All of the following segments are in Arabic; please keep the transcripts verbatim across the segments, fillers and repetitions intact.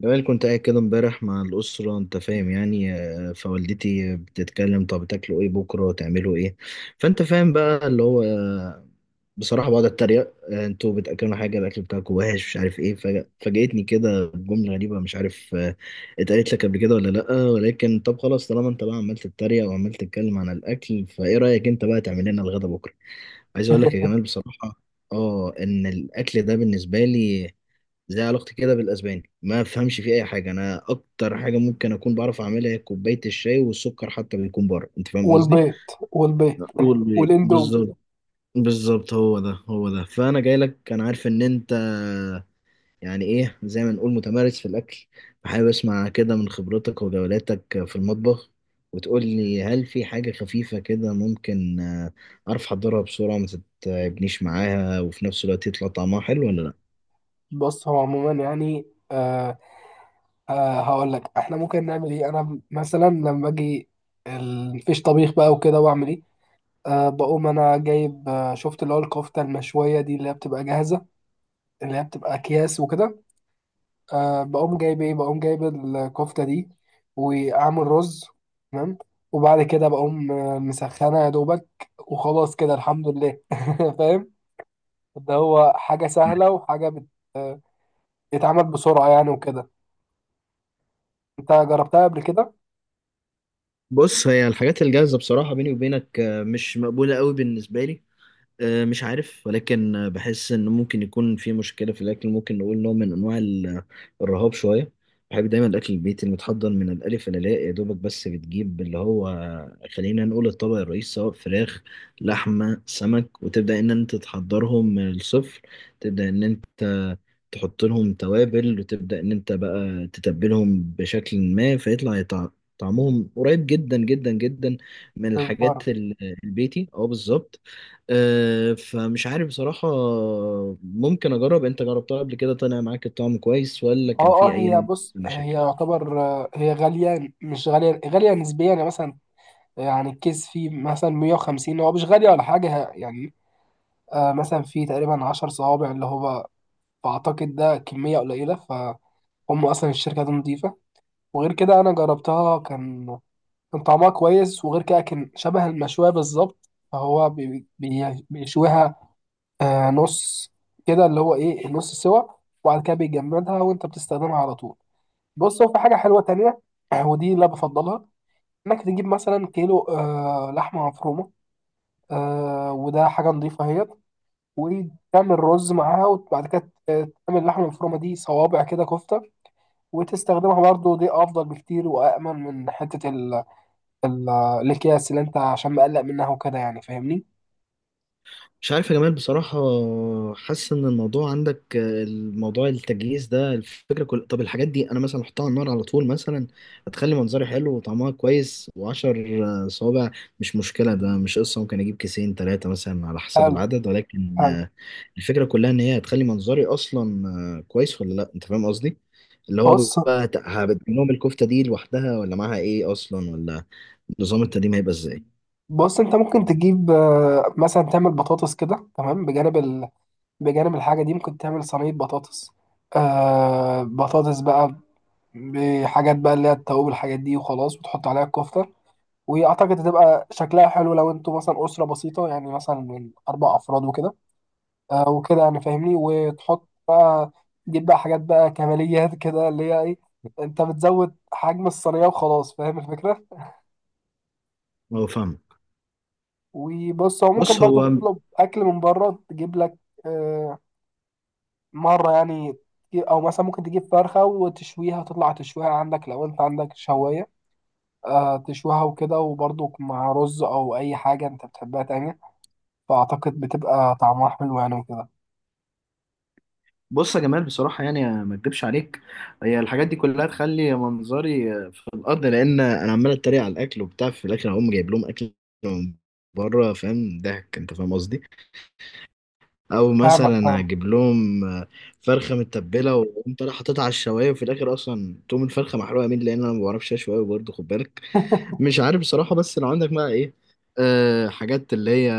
جمال، كنت قاعد كده امبارح مع الأسرة، أنت فاهم؟ يعني آه، فوالدتي بتتكلم، طب تاكلوا إيه بكرة؟ تعملوا إيه؟ فأنت فاهم بقى، اللي هو آه، بصراحة بقعد أتريق. آه، أنتوا بتأكلوا حاجة، الأكل بتاعكم وحش مش عارف إيه. فج- فاجأتني كده بجملة غريبة، مش عارف. آه، اتقالت لك قبل كده ولا لأ؟ ولكن طب خلاص، طالما أنت بقى عمال تتريق وعمال تتكلم عن الأكل، فإيه رأيك أنت بقى تعمل لنا الغدا بكرة؟ عايز أقول لك يا جمال بصراحة، آه إن الأكل ده بالنسبة لي زي علاقتي كده بالاسباني، ما افهمش فيه اي حاجه. انا اكتر حاجه ممكن اكون بعرف اعملها هي كوبايه الشاي، والسكر حتى بيكون بره. انت فاهم قصدي؟ والبيض والبيض لا. قول والاندومي. بالظبط. بالظبط، هو ده هو ده، فانا جاي لك، انا عارف ان انت يعني ايه، زي ما نقول، متمارس في الاكل. فحابب اسمع كده من خبرتك وجولاتك في المطبخ، وتقول لي هل في حاجه خفيفه كده ممكن آه، اعرف احضرها بسرعه ما تتعبنيش معاها، وفي نفس الوقت يطلع طعمها حلو ولا لا؟ بص، هو عموما يعني آه آه هقول لك احنا ممكن نعمل ايه. انا مثلا لما اجي ال- مفيش طبيخ بقى وكده، واعمل ايه؟ آه بقوم انا جايب، آه شفت اللي هو الكفته المشويه دي، اللي هي بتبقى جاهزه، اللي هي بتبقى اكياس وكده. آه بقوم جايب ايه بقوم جايب الكفته دي واعمل رز، تمام. وبعد كده بقوم آه، مسخنه يا دوبك، وخلاص كده، الحمد لله. فاهم؟ ده هو حاجه سهله وحاجه بت آه، يتعمل بسرعة يعني وكده. انت جربتها قبل كده؟ بص، هي الحاجات الجاهزة بصراحة بيني وبينك آه، مش مقبولة قوي بالنسبة لي. آه، مش عارف، ولكن آه، بحس ان ممكن يكون في مشكله في الاكل، ممكن نقول نوع من انواع ال- الرهاب شويه. بحب دايما الاكل البيتي المتحضر من الالف للياء، يا دوبك بس بتجيب اللي هو، خلينا نقول الطبق الرئيسي، سواء فراخ لحمه سمك، وتبدا ان انت تحضرهم من الصفر. تبدا ان انت تحط لهم توابل، وتبدا ان انت بقى تتبلهم بشكل ما، فيطلع يطع- طعمهم قريب جدا جدا جدا من بره. الحاجات ال- البيتي. اه بالظبط. آه، فمش عارف بصراحة. ممكن أجرب، أنت جربتها قبل كده؟ طلع معاك الطعم كويس ولا اه، كان فيه اه، أي نوع هي، من بص، هي المشاكل؟ يعتبر، آه، هي غالية، مش غالية، غالية نسبيا، يعني مثلا، يعني الكيس فيه مثلا مئة وخمسين، هو مش غالية ولا حاجة ه- يعني. آه مثلا فيه تقريبا عشر صوابع، اللي هو بعتقد ده كمية قليلة. فهم أصلا الشركة دي نضيفة، وغير كده أنا جربتها، كان كان طعمها كويس. وغير كده، كان شبه المشوية بالظبط، فهو بي- بي- بيشويها آه نص كده، اللي هو ايه، نص سوا، وبعد كده بيجمدها وانت بتستخدمها على طول. بص، هو في حاجه حلوه تانية، آه، ودي اللي أنا بفضلها، انك تجيب مثلا كيلو آه لحمه مفرومه، آه وده حاجه نظيفه اهيت، وتعمل رز معاها، وبعد كده ت- آه، تعمل اللحمه المفرومه دي صوابع كده، كفته، وتستخدمها. برضو دي افضل بكتير وامن من حته ال ال الاكياس اللي انت عشان مقلق منها وكده، يعني، فاهمني؟ مش عارف يا جمال بصراحة، حاسس إن الموضوع عندك، آه، الموضوع التجهيز ده الفكرة كل. طب الحاجات دي أنا مثلا أحطها على النار على طول مثلا، هتخلي منظري حلو وطعمها كويس. وعشر آه، صوابع مش مشكلة، ده مش قصة، ممكن أجيب كيسين تلاتة مثلا على حسب حلو، العدد. ولكن حلو. آه، الفكرة كلها إن هي هتخلي منظري أصلا آه، كويس ولا لأ؟ أنت فاهم قصدي؟ اللي هو بص، بقى، هت- هبدل لهم الكفتة دي لوحدها ولا معاها إيه أصلا؟ ولا نظام التقديم هيبقى إزاي؟ بص، انت ممكن تجيب آه، مثلا تعمل بطاطس كده، تمام، بجانب ال... بجانب الحاجه دي. ممكن تعمل صينيه بطاطس، آه بطاطس بقى، بحاجات بقى اللي هي التوابل، الحاجات دي، وخلاص، وتحط عليها الكفته، واعتقد هتبقى شكلها حلو، لو انتوا مثلا اسره بسيطه يعني، مثلا من اربع افراد وكده، آه وكده، يعني فاهمني؟ وتحط بقى، تجيب بقى حاجات بقى كماليات كده، اللي هي ايه، انت بتزود حجم الصينيه وخلاص، فاهم الفكره؟ هو فاهم. وبص، هو ممكن بص برضو هو، تطلب اكل من بره، تجيب لك آه، مره يعني، او مثلا ممكن تجيب فرخه وتشويها، تطلع تشويها عندك لو انت عندك شوايه، آه، تشويها وكده، وبرضو مع رز او اي حاجه انت بتحبها تانية. فاعتقد بتبقى طعمها حلو يعني وكده. بص يا جمال بصراحة، يعني ما اكدبش عليك، هي الحاجات دي كلها تخلي منظري في الأرض، لأن أنا عمال أتريق على الأكل وبتاع، في الآخر هقوم جايب لهم أكل من بره. فاهم ضحك؟ أنت فاهم قصدي؟ أو فاهمك، مثلا فاهمك. هجيب لهم فرخة متبلة، وأقوم طالع حاططها على الشواية، وفي الآخر أصلا تقوم الفرخة محروقة. مين؟ لأن أنا ما بعرفش أشوي أوي برضه، خد بالك. مش عارف بصراحة. بس لو عندك بقى ايه، أه حاجات اللي هي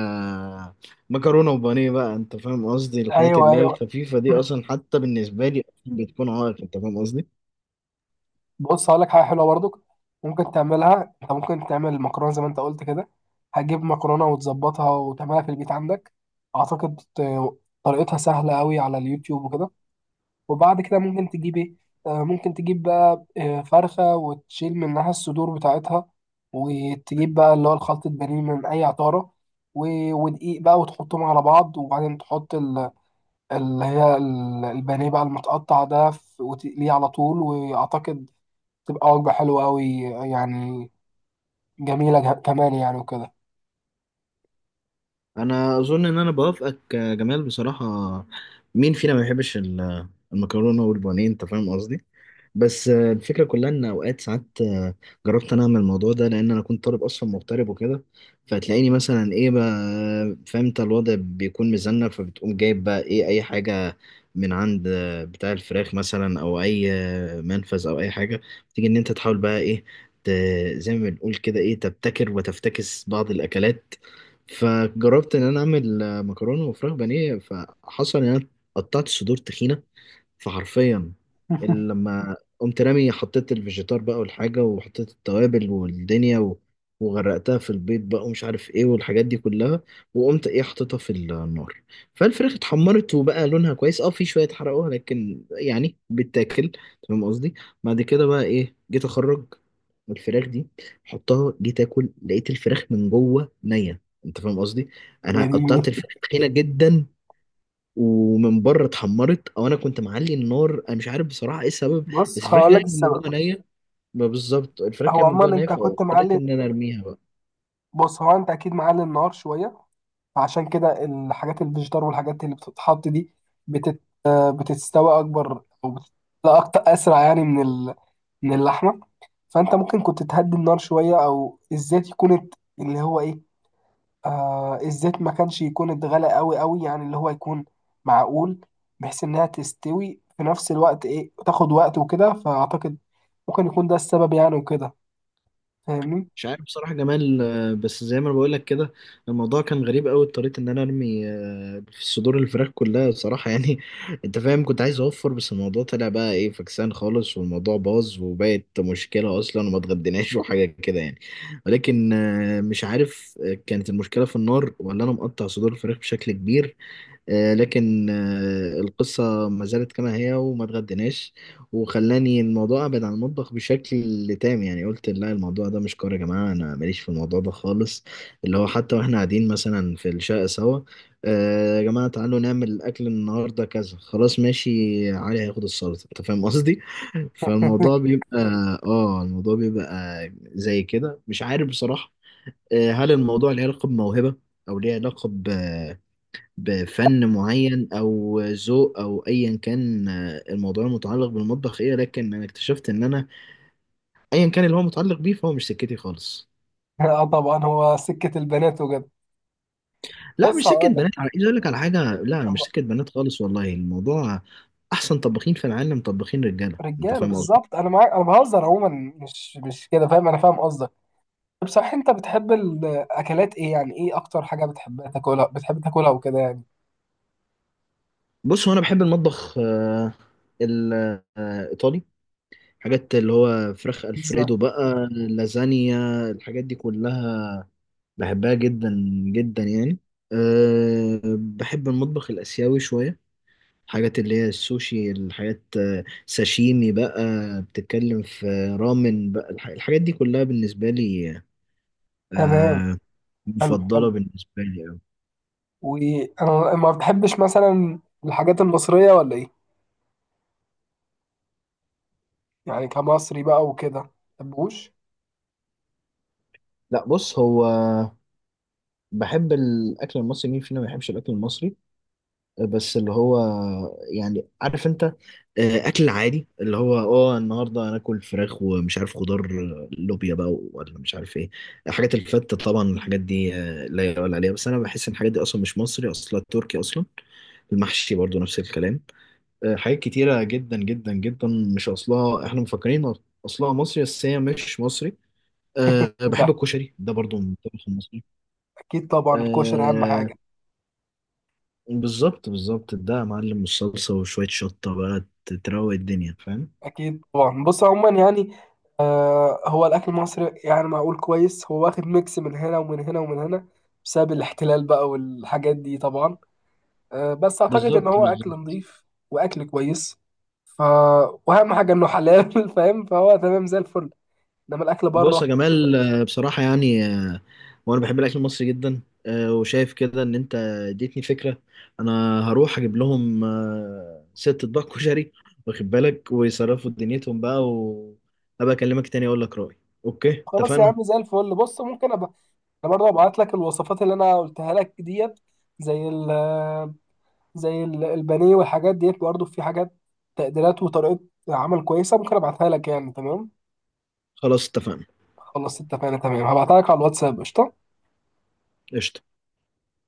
مكرونة وبانيه بقى، انت فاهم قصدي، الحاجات ايوه، اللي هي ايوه. الخفيفة دي اصلا حتى بالنسبة لي أصلاً بتكون عائق. انت فاهم قصدي؟ بص، هقول لك حاجه حلوه برضك ممكن تعملها. انت ممكن تعمل مكرونه زي ما انت قلت كده. هتجيب مكرونه وتظبطها وتعملها في البيت عندك. اعتقد ت- طريقتها سهله قوي على اليوتيوب وكده. وبعد كده ممكن تجيب ايه، آه، ممكن تجيب بقى آه، فرخه وتشيل منها الصدور بتاعتها، وتجيب بقى اللي هو الخلطة بانيه من اي عطاره، و- ودقيق بقى، وتحطهم على بعض، وبعدين تحط ال- اللي هي ال- البانيه بقى المتقطع ده، في- وتقليه على طول. واعتقد تبقى وجبة حلوة أوي يعني، جميلة جه- كمان يعني وكده. انا اظن ان انا بوافقك يا جمال بصراحة. مين فينا ما يحبش ال- المكرونة والبانيه؟ انت فاهم قصدي. بس آه، الفكرة كلها إن أوقات ساعات، آه، جربت أنا أعمل الموضوع ده لأن أنا كنت طالب أصلا مغترب وكده، فتلاقيني مثلا إيه بقى، فاهم أنت، الوضع بيكون مزنة، فبتقوم جايب بقى إيه أي حاجة من عند آه، بتاع الفراخ مثلا، أو أي آه، منفذ أو أي حاجة، تيجي إن أنت تحاول بقى إيه، ت- زي ما بنقول كده إيه، تبتكر وتفتكس بعض الأكلات. فجربت إن أنا أعمل آه، مكرونة وفراخ بانيه. فحصل إن أنا قطعت صدور تخينة، فحرفيا ال- لما قمت رامي حطيت الفيجيتار بقى والحاجة، وحطيت التوابل والدنيا و... وغرقتها في البيض بقى، ومش عارف ايه، والحاجات دي كلها. وقمت ايه، حطيتها في النار. فالفراخ اتحمرت وبقى لونها كويس. اه في شوية اتحرقوها لكن يعني بتاكل، فاهم قصدي؟ بعد كده بقى ايه، جيت اخرج الفراخ دي، حطها، جيت اكل، لقيت الفراخ من جوه نية. انت فاهم قصدي؟ يا انا ديني. قطعت الفراخ تخينة جدا، ومن بره اتحمرت، او انا كنت معلي النار، انا مش عارف بصراحه ايه السبب. بص، بس الفراخ هقول لك كانت من السبب. جوه نيه. ما بالظبط الفراخ هو كانت من جوه عموما نيه، أنت كنت فاضطريت معلي ان انا ارميها بقى. بص، هو أنت أكيد معلي النار شوية، فعشان كده الحاجات، الفيجيتار والحاجات اللي بتتحط دي بتت... بتستوي أكبر، أو بتتسلق أكتر، أسرع يعني، من ال... من اللحمة. فأنت ممكن كنت تهدي النار شوية، أو الزيت يكون ات- اللي هو إيه، آه الزيت ما كانش يكون اتغلى قوي قوي يعني، اللي هو يكون معقول، بحيث انها تستوي في نفس الوقت، ايه، تاخد وقت وكده. فاعتقد ممكن يكون ده السبب يعني وكده، فاهمني؟ مش عارف بصراحه جمال، آه، بس زي ما انا بقول لك كده، الموضوع كان غريب قوي، اضطريت ان انا ارمي آه، في صدور الفراخ كلها بصراحه يعني انت فاهم، كنت عايز اوفر، بس الموضوع طلع بقى ايه فكسان خالص، والموضوع باظ وبقت مشكله اصلا وما اتغديناش وحاجه كده يعني. ولكن آه، مش عارف، آه، كانت المشكله في النار، ولا انا مقطع صدور الفراخ بشكل كبير؟ آه، لكن آه، القصة ما زالت كما هي، وما اتغديناش. وخلاني الموضوع أبعد عن المطبخ بشكل تام. يعني قلت لا، الموضوع ده مش كورة يا جماعة، أنا ماليش في الموضوع ده خالص. اللي هو حتى وإحنا قاعدين مثلا في الشقة سوا، آه، يا جماعة تعالوا نعمل أكل النهاردة كذا، خلاص ماشي، علي هياخد السلطة، أنت فاهم قصدي؟ فالموضوع بيبقى آه الموضوع بيبقى زي كده، مش عارف بصراحة. آه، هل الموضوع ليه علاقة بموهبة، أو ليه علاقة بفن معين، او ذوق، او ايا كان آه، الموضوع المتعلق بالمطبخ ايه؟ لكن انا اكتشفت ان انا، ايا كان اللي هو متعلق بيه، فهو مش سكتي خالص. اه، طبعا، هو سكة البنات وكده. لا بص، مش سكت هقول لك. بنات، على عايز اقول لك على حاجه، لا مش سكت بنات خالص والله الموضوع. احسن طباخين في العالم طباخين رجاله، انت رجاله فاهم قصدي. بالظبط، انا معاك، انا بهزر عموما، مش مش كده، فاهم؟ انا فاهم قصدك. طب صح، انت بتحب الاكلات ايه؟ يعني ايه اكتر حاجه بتحبها تاكلها، بتحب تاكلها وكده يعني؟ بص هو انا بحب المطبخ، آه، الايطالي. حاجات اللي هو فراخ بيتزا. الفريدو بقى، لازانيا، الحاجات دي كلها بحبها جدا جدا، يعني. أه بحب المطبخ الآسيوي شوية. الحاجات اللي هي السوشي، الحاجات آه، ساشيمي بقى، بتتكلم في رامن بقى، الح- الحاجات دي كلها بالنسبة لي، تمام. أه حلو، حلو. مفضلة بالنسبة لي أوي. وانا، ما بتحبش مثلا الحاجات المصرية ولا ايه؟ يعني كمصري بقى وكده، ما بتحبوش؟ لا، بص هو بحب الأكل المصري. مين فينا ما بيحبش الأكل المصري؟ بس اللي هو يعني، عارف انت، آه، اكل عادي اللي هو اه، النهارده هناكل فراخ ومش عارف خضار، آه، لوبيا بقى ولا مش عارف ايه. حاجات الفتة طبعا، الحاجات دي آه، لا يقال عليها، بس انا بحس ان الحاجات دي اصلا مش مصري، اصلا تركي اصلا. المحشي برضو نفس الكلام. آه، حاجات كتيرة جدا جدا جدا مش اصلها احنا مفكرين اصلها مصري، بس هي مش مصري. أه بحب ده الكشري، ده برضو من الطبخ المصري. اكيد طبعا، الكشري اهم آه، حاجة. بالظبط بالظبط، ده يا معلم الصلصة وشوية شطة بقى ت- تروق الدنيا، فاهم. اكيد طبعا. بص، عموما يعني، آه هو الاكل المصري يعني معقول كويس. هو واخد ميكس من هنا ومن هنا ومن هنا، بسبب الاحتلال بقى والحاجات دي طبعا. آه بس اعتقد ان بالظبط هو اكل بالظبط. نظيف واكل كويس، ف واهم حاجة انه حلال. فاهم؟ فهو تمام زي الفل، انما الاكل بص يا بره. جمال، آه، بصراحة يعني، آه، وأنا بحب الأكل المصري جدا. آه، وشايف كده إن أنت اديتني فكرة، أنا هروح أجيب لهم آه، ست أطباق كشري، واخد بالك، ويصرفوا دنيتهم بقى، وأبقى أكلمك تاني أقول لك رأيي. أوكي خلاص يا اتفقنا، عم، زي الفل. بص، ممكن ابقى، انا برضه هبعت لك الوصفات اللي انا قلتها لك ديت، زي ال آه، زي ال- البانيه والحاجات ديت. برضه في حاجات، تقديرات وطريقه عمل كويسه، ممكن ابعتها لك يعني، تمام؟ خلاص اتفقنا. خلاص اتفقنا، تمام، هبعتها لك على الواتساب، قشطه. قشطة.